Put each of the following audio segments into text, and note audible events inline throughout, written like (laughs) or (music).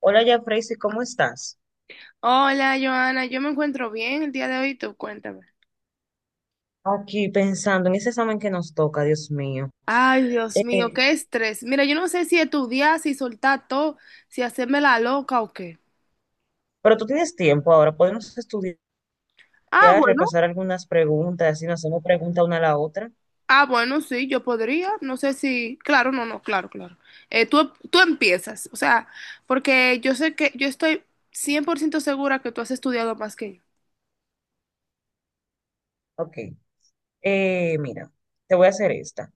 Hola, ya Freysi, ¿cómo estás? Hola, Joana, yo me encuentro bien el día de hoy, tú cuéntame. Aquí pensando en ese examen que nos toca, Dios mío. Ay, Dios mío, Eh, qué estrés. Mira, yo no sé si estudiar, si soltar todo, si hacerme la loca o qué. pero tú tienes tiempo ahora, podemos estudiar, Ah, bueno, repasar algunas preguntas, así nos hacemos pregunta una a la otra. Bueno, sí, yo podría, no sé si, claro, no, no, claro, claro. Tú empiezas, o sea, porque yo sé que, yo estoy 100% segura que tú has estudiado más que Ok. Mira, te voy a hacer esta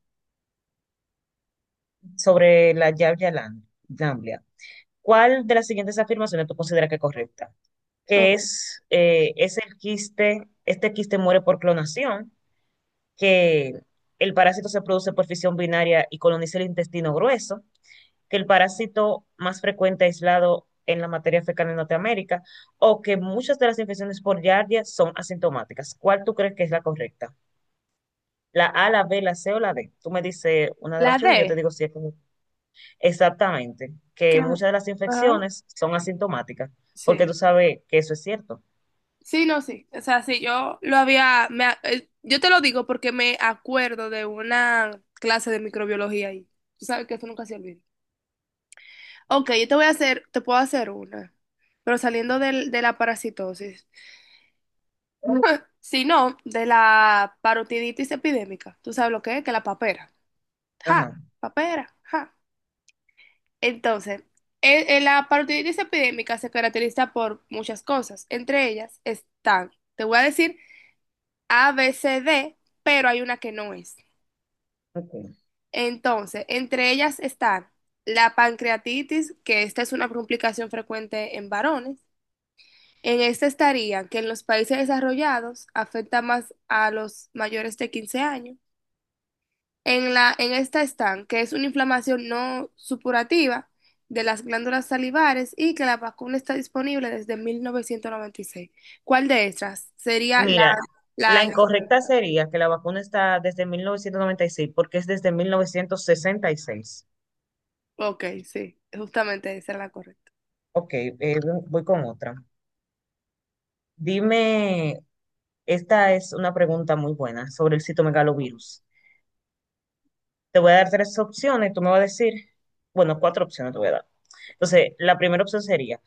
sobre la Lamblia. ¿Cuál de las siguientes afirmaciones tú consideras que es correcta? yo. Que Ojo. Es el quiste, este quiste muere por clonación, que el parásito se produce por fisión binaria y coloniza el intestino grueso, que el parásito más frecuente aislado en la materia fecal en Norteamérica, o que muchas de las infecciones por Giardia son asintomáticas. ¿Cuál tú crees que es la correcta? ¿La A, la B, la C o la D? Tú me dices una de las La opciones, y yo te D. digo si es correcta. Exactamente, que que- muchas de las Ajá, infecciones son asintomáticas, porque sí. tú sabes que eso es cierto. Sí, no, sí. O sea, sí, yo lo había, yo te lo digo porque me acuerdo de una clase de microbiología ahí. Tú sabes que eso nunca se olvida. Ok, yo te voy a hacer, te puedo hacer una, pero saliendo de la parasitosis. (laughs) Si no, de la parotiditis epidémica. ¿Tú sabes lo que es? Que la papera. Ja, Ajá. papera, ja. Entonces, en la parotiditis epidémica se caracteriza por muchas cosas. Entre ellas están, te voy a decir A, B, C, D, pero hay una que no es. Ok. Entonces, entre ellas están la pancreatitis, que esta es una complicación frecuente en varones. En esta estaría que en los países desarrollados afecta más a los mayores de 15 años. En esta están que es una inflamación no supurativa de las glándulas salivares y que la vacuna está disponible desde 1996. ¿Cuál de estas sería la, Mira, la la incorrecta incorrecta? sería que la vacuna está desde 1996, porque es desde 1966. Ok, sí, justamente esa es la correcta. Ok, voy con otra. Dime, esta es una pregunta muy buena sobre el citomegalovirus. Te voy a dar tres opciones, tú me vas a decir, bueno, cuatro opciones te voy a dar. Entonces, la primera opción sería,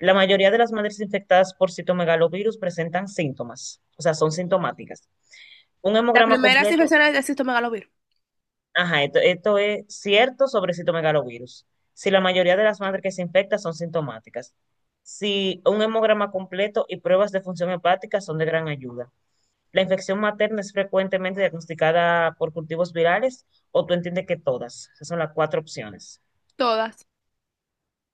la mayoría de las madres infectadas por citomegalovirus presentan síntomas, o sea, son sintomáticas. Un Las hemograma primeras completo, infecciones de citomegalovirus. ajá, esto es cierto sobre citomegalovirus. Si la mayoría de las madres que se infectan son sintomáticas. Si un hemograma completo y pruebas de función hepática son de gran ayuda. ¿La infección materna es frecuentemente diagnosticada por cultivos virales o tú entiendes que todas? Esas son las cuatro opciones. Todas,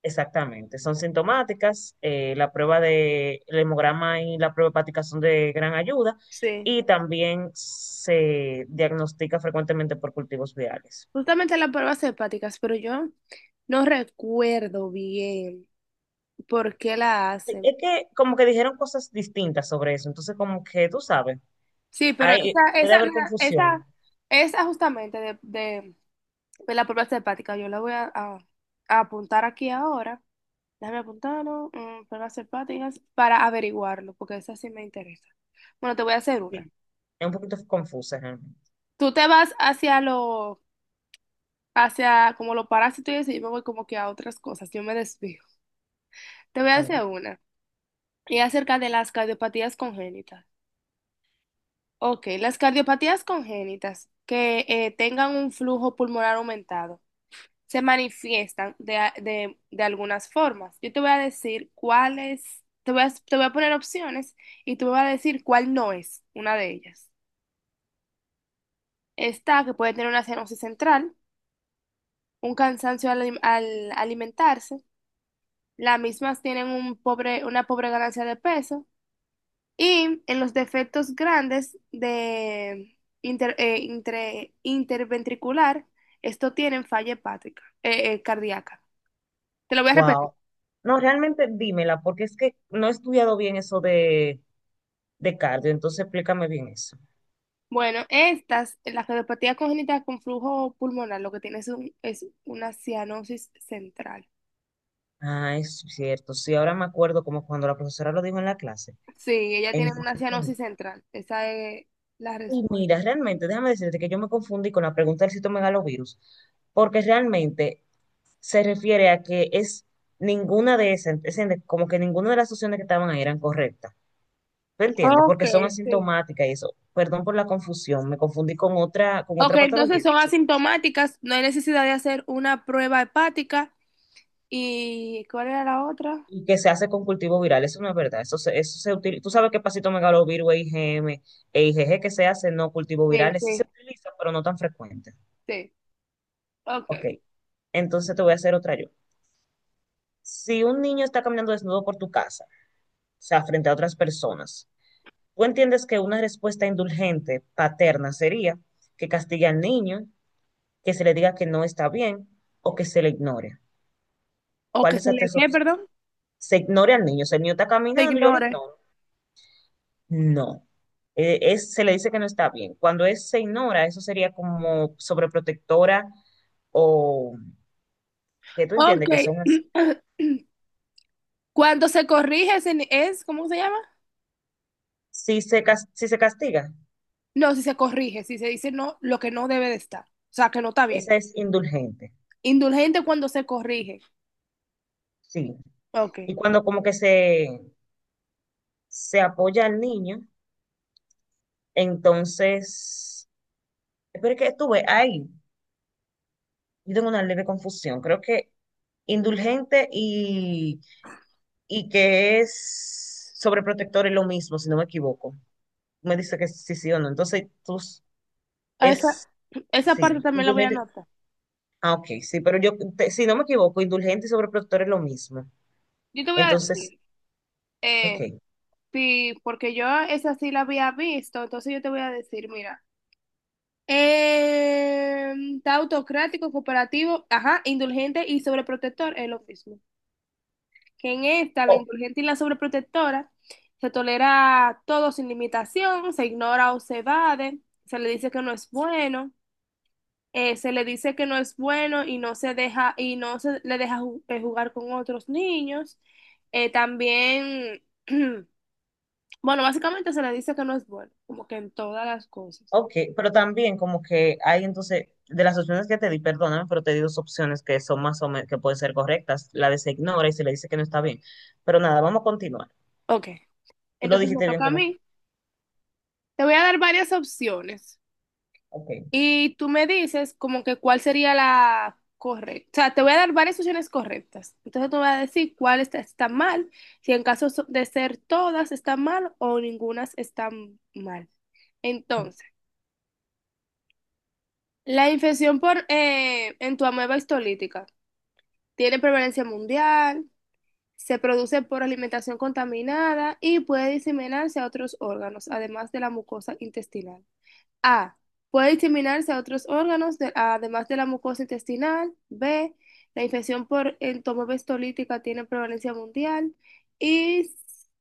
Exactamente, son sintomáticas. La prueba de el hemograma y la prueba hepática son de gran ayuda sí. y también se diagnostica frecuentemente por cultivos virales. Justamente las pruebas hepáticas, pero yo no recuerdo bien por qué la Sí. hacen. Es que como que dijeron cosas distintas sobre eso, entonces como que tú sabes, Sí, pero hay, esa, puede esa, haber mira, confusión. esa justamente de la prueba hepática, yo la voy a apuntar aquí ahora. Déjame apuntarlo, pruebas hepáticas, para averiguarlo, porque esa sí me interesa. Bueno, te voy a hacer una. Sí. Es un poquito confusa realmente. Tú te vas hacia los hacia como los parásitos y eso, yo me voy como que a otras cosas, yo me desvío. Te voy a Está bien. hacer una, y acerca de las cardiopatías congénitas. Ok, las cardiopatías congénitas que tengan un flujo pulmonar aumentado se manifiestan de algunas formas. Yo te voy a decir cuáles, te voy a poner opciones y tú me vas a decir cuál no es una de ellas. Está que puede tener una cianosis central, un cansancio al alimentarse, las mismas tienen un pobre, una pobre ganancia de peso. Y en los defectos grandes de interventricular, esto tienen falla hepática, cardíaca. Te lo voy a repetir. Wow. No, realmente dímela, porque es que no he estudiado bien eso de cardio, entonces explícame bien eso. Bueno, estas, la cardiopatía congénita con flujo pulmonar, lo que tiene es, es una cianosis central. Ah, es cierto. Sí, ahora me acuerdo como cuando la profesora lo dijo en la clase. Sí, ella tiene una Entonces, cianosis central. Esa es la y respuesta. mira, realmente, déjame decirte que yo me confundí con la pregunta del citomegalovirus, porque realmente se refiere a que es ninguna de esas, es como que ninguna de las opciones que estaban ahí eran correctas. ¿Me entiendes? Ok, Porque son sí. asintomáticas y eso. Perdón por la confusión, me confundí con Ok, otra patología, entonces son entonces por eso. asintomáticas, no hay necesidad de hacer una prueba hepática. ¿Y cuál era la otra? Y que se hace con cultivo viral. Eso no es verdad. Eso se utiliza. Tú sabes que pasito megalovirus, IgM e IgG, que se hace no cultivo Sí, virales. Sí se sí, utiliza, pero no tan frecuente. sí. Ok. Ok. Entonces te voy a hacer otra yo. Si un niño está caminando desnudo por tu casa, o sea, frente a otras personas, tú entiendes que una respuesta indulgente, paterna, sería que castigue al niño, que se le diga que no está bien o que se le ignore. O ¿Cuál que de se esas le, tres ¿qué, opciones? perdón? Se ignore al niño. O sea, el niño está Se caminando, yo lo ignore. ignoro. No. Se le dice que no está bien. Cuando es se ignora, eso sería como sobreprotectora, o que tú Ok. entiendes que son así. (clears throat) Cuando se corrige, es, ¿cómo se llama? Si se, si se castiga, No, si se corrige, si se dice no, lo que no debe de estar. O sea, que no está bien. esa es indulgente, Indulgente cuando se corrige. sí. Ok. Y cuando como que se apoya al niño, entonces, pero es que estuve ahí, yo tengo una leve confusión. Creo que indulgente y que es sobreprotector es lo mismo, si no me equivoco. Me dice que sí, sí o no. Entonces, tú A esa, es, esa sí, parte también la voy a indulgente. anotar. Ah, ok, sí, pero yo, si no me equivoco, indulgente y sobreprotector es lo mismo. Yo te voy a Entonces, decir, eh, ok. sí, porque yo esa sí la había visto, entonces yo te voy a decir, mira, eh, está autocrático, cooperativo, ajá, indulgente y sobreprotector es lo mismo. Que en esta, la O- indulgente y la sobreprotectora, se tolera todo sin limitación, se ignora o se evade, se le dice que no es bueno, se le dice que no es bueno y no se deja, y no se le deja jugar con otros niños. También (clears throat) bueno, básicamente se le dice que no es bueno, como que en todas las cosas. ok, pero también como que hay entonces, de las opciones que te di, perdóname, pero te di dos opciones que son más o menos, que pueden ser correctas. La de se ignora y se le dice que no está bien. Pero nada, vamos a continuar. Ok, Tú lo entonces me dijiste bien toca a como que, mí. Te voy a dar varias opciones ok. y tú me dices como que cuál sería la correcta. O sea, te voy a dar varias opciones correctas. Entonces tú me vas a decir cuál está, está mal, si en caso de ser todas están mal o ninguna está mal. Entonces, la infección por en tu ameba histolítica tiene prevalencia mundial. Se produce por alimentación contaminada y puede diseminarse a otros órganos, además de la mucosa intestinal. A. Puede diseminarse a otros órganos, además de la mucosa intestinal. B. La infección por entomobestolítica tiene prevalencia mundial. Y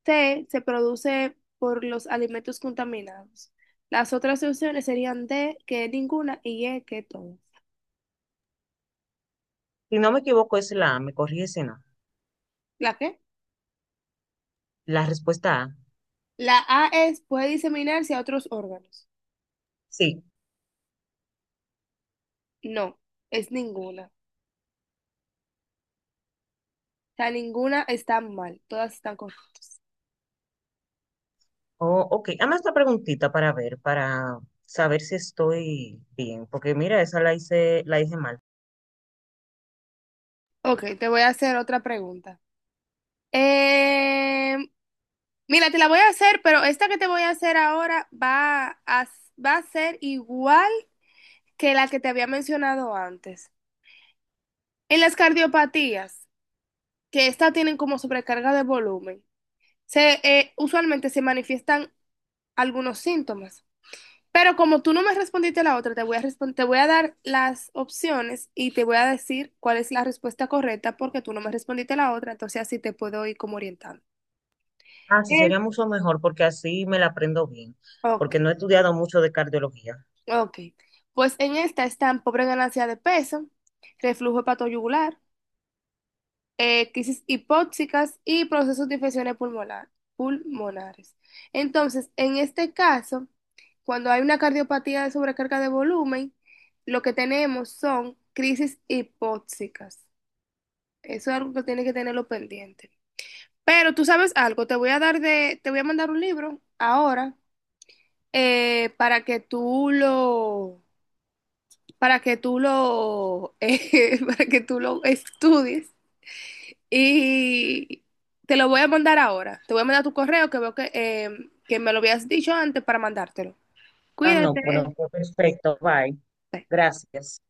C. Se produce por los alimentos contaminados. Las otras opciones serían D, que ninguna, y E, que todas. Si no me equivoco, es la A, me corrige si no. ¿La qué? La respuesta A, La A es, puede diseminarse a otros órganos. sí. No, es ninguna. Sea, ninguna está mal, todas están correctas. Oh, ok, hazme esta preguntita para ver, para saber si estoy bien, porque mira, esa la hice mal. Ok, te voy a hacer otra pregunta. Eh, mira, te la voy a hacer, pero esta que te voy a hacer ahora va a, va a ser igual que la que te había mencionado antes. En las cardiopatías, que estas tienen como sobrecarga de volumen, usualmente se manifiestan algunos síntomas. Pero como tú no me respondiste la otra, te voy a dar las opciones y te voy a decir cuál es la respuesta correcta porque tú no me respondiste la otra, entonces así te puedo ir como orientando. Ah, sí, sería Es- mucho mejor porque así me la aprendo bien, porque no Ok, he estudiado mucho de cardiología. ok. Pues en esta están pobre ganancia de peso, reflujo hepatoyugular, crisis hipóxicas y procesos de infecciones pulmonares. Entonces, en este caso, cuando hay una cardiopatía de sobrecarga de volumen, lo que tenemos son crisis hipóxicas. Eso es algo que tiene que tenerlo pendiente. Pero tú sabes algo, te voy a mandar un libro ahora para que tú lo, (laughs) para que tú lo estudies y te lo voy a mandar ahora. Te voy a mandar tu correo que veo que me lo habías dicho antes para mandártelo. Ah, no, Cuídate. bueno, pues, perfecto, bye. Bye. Gracias.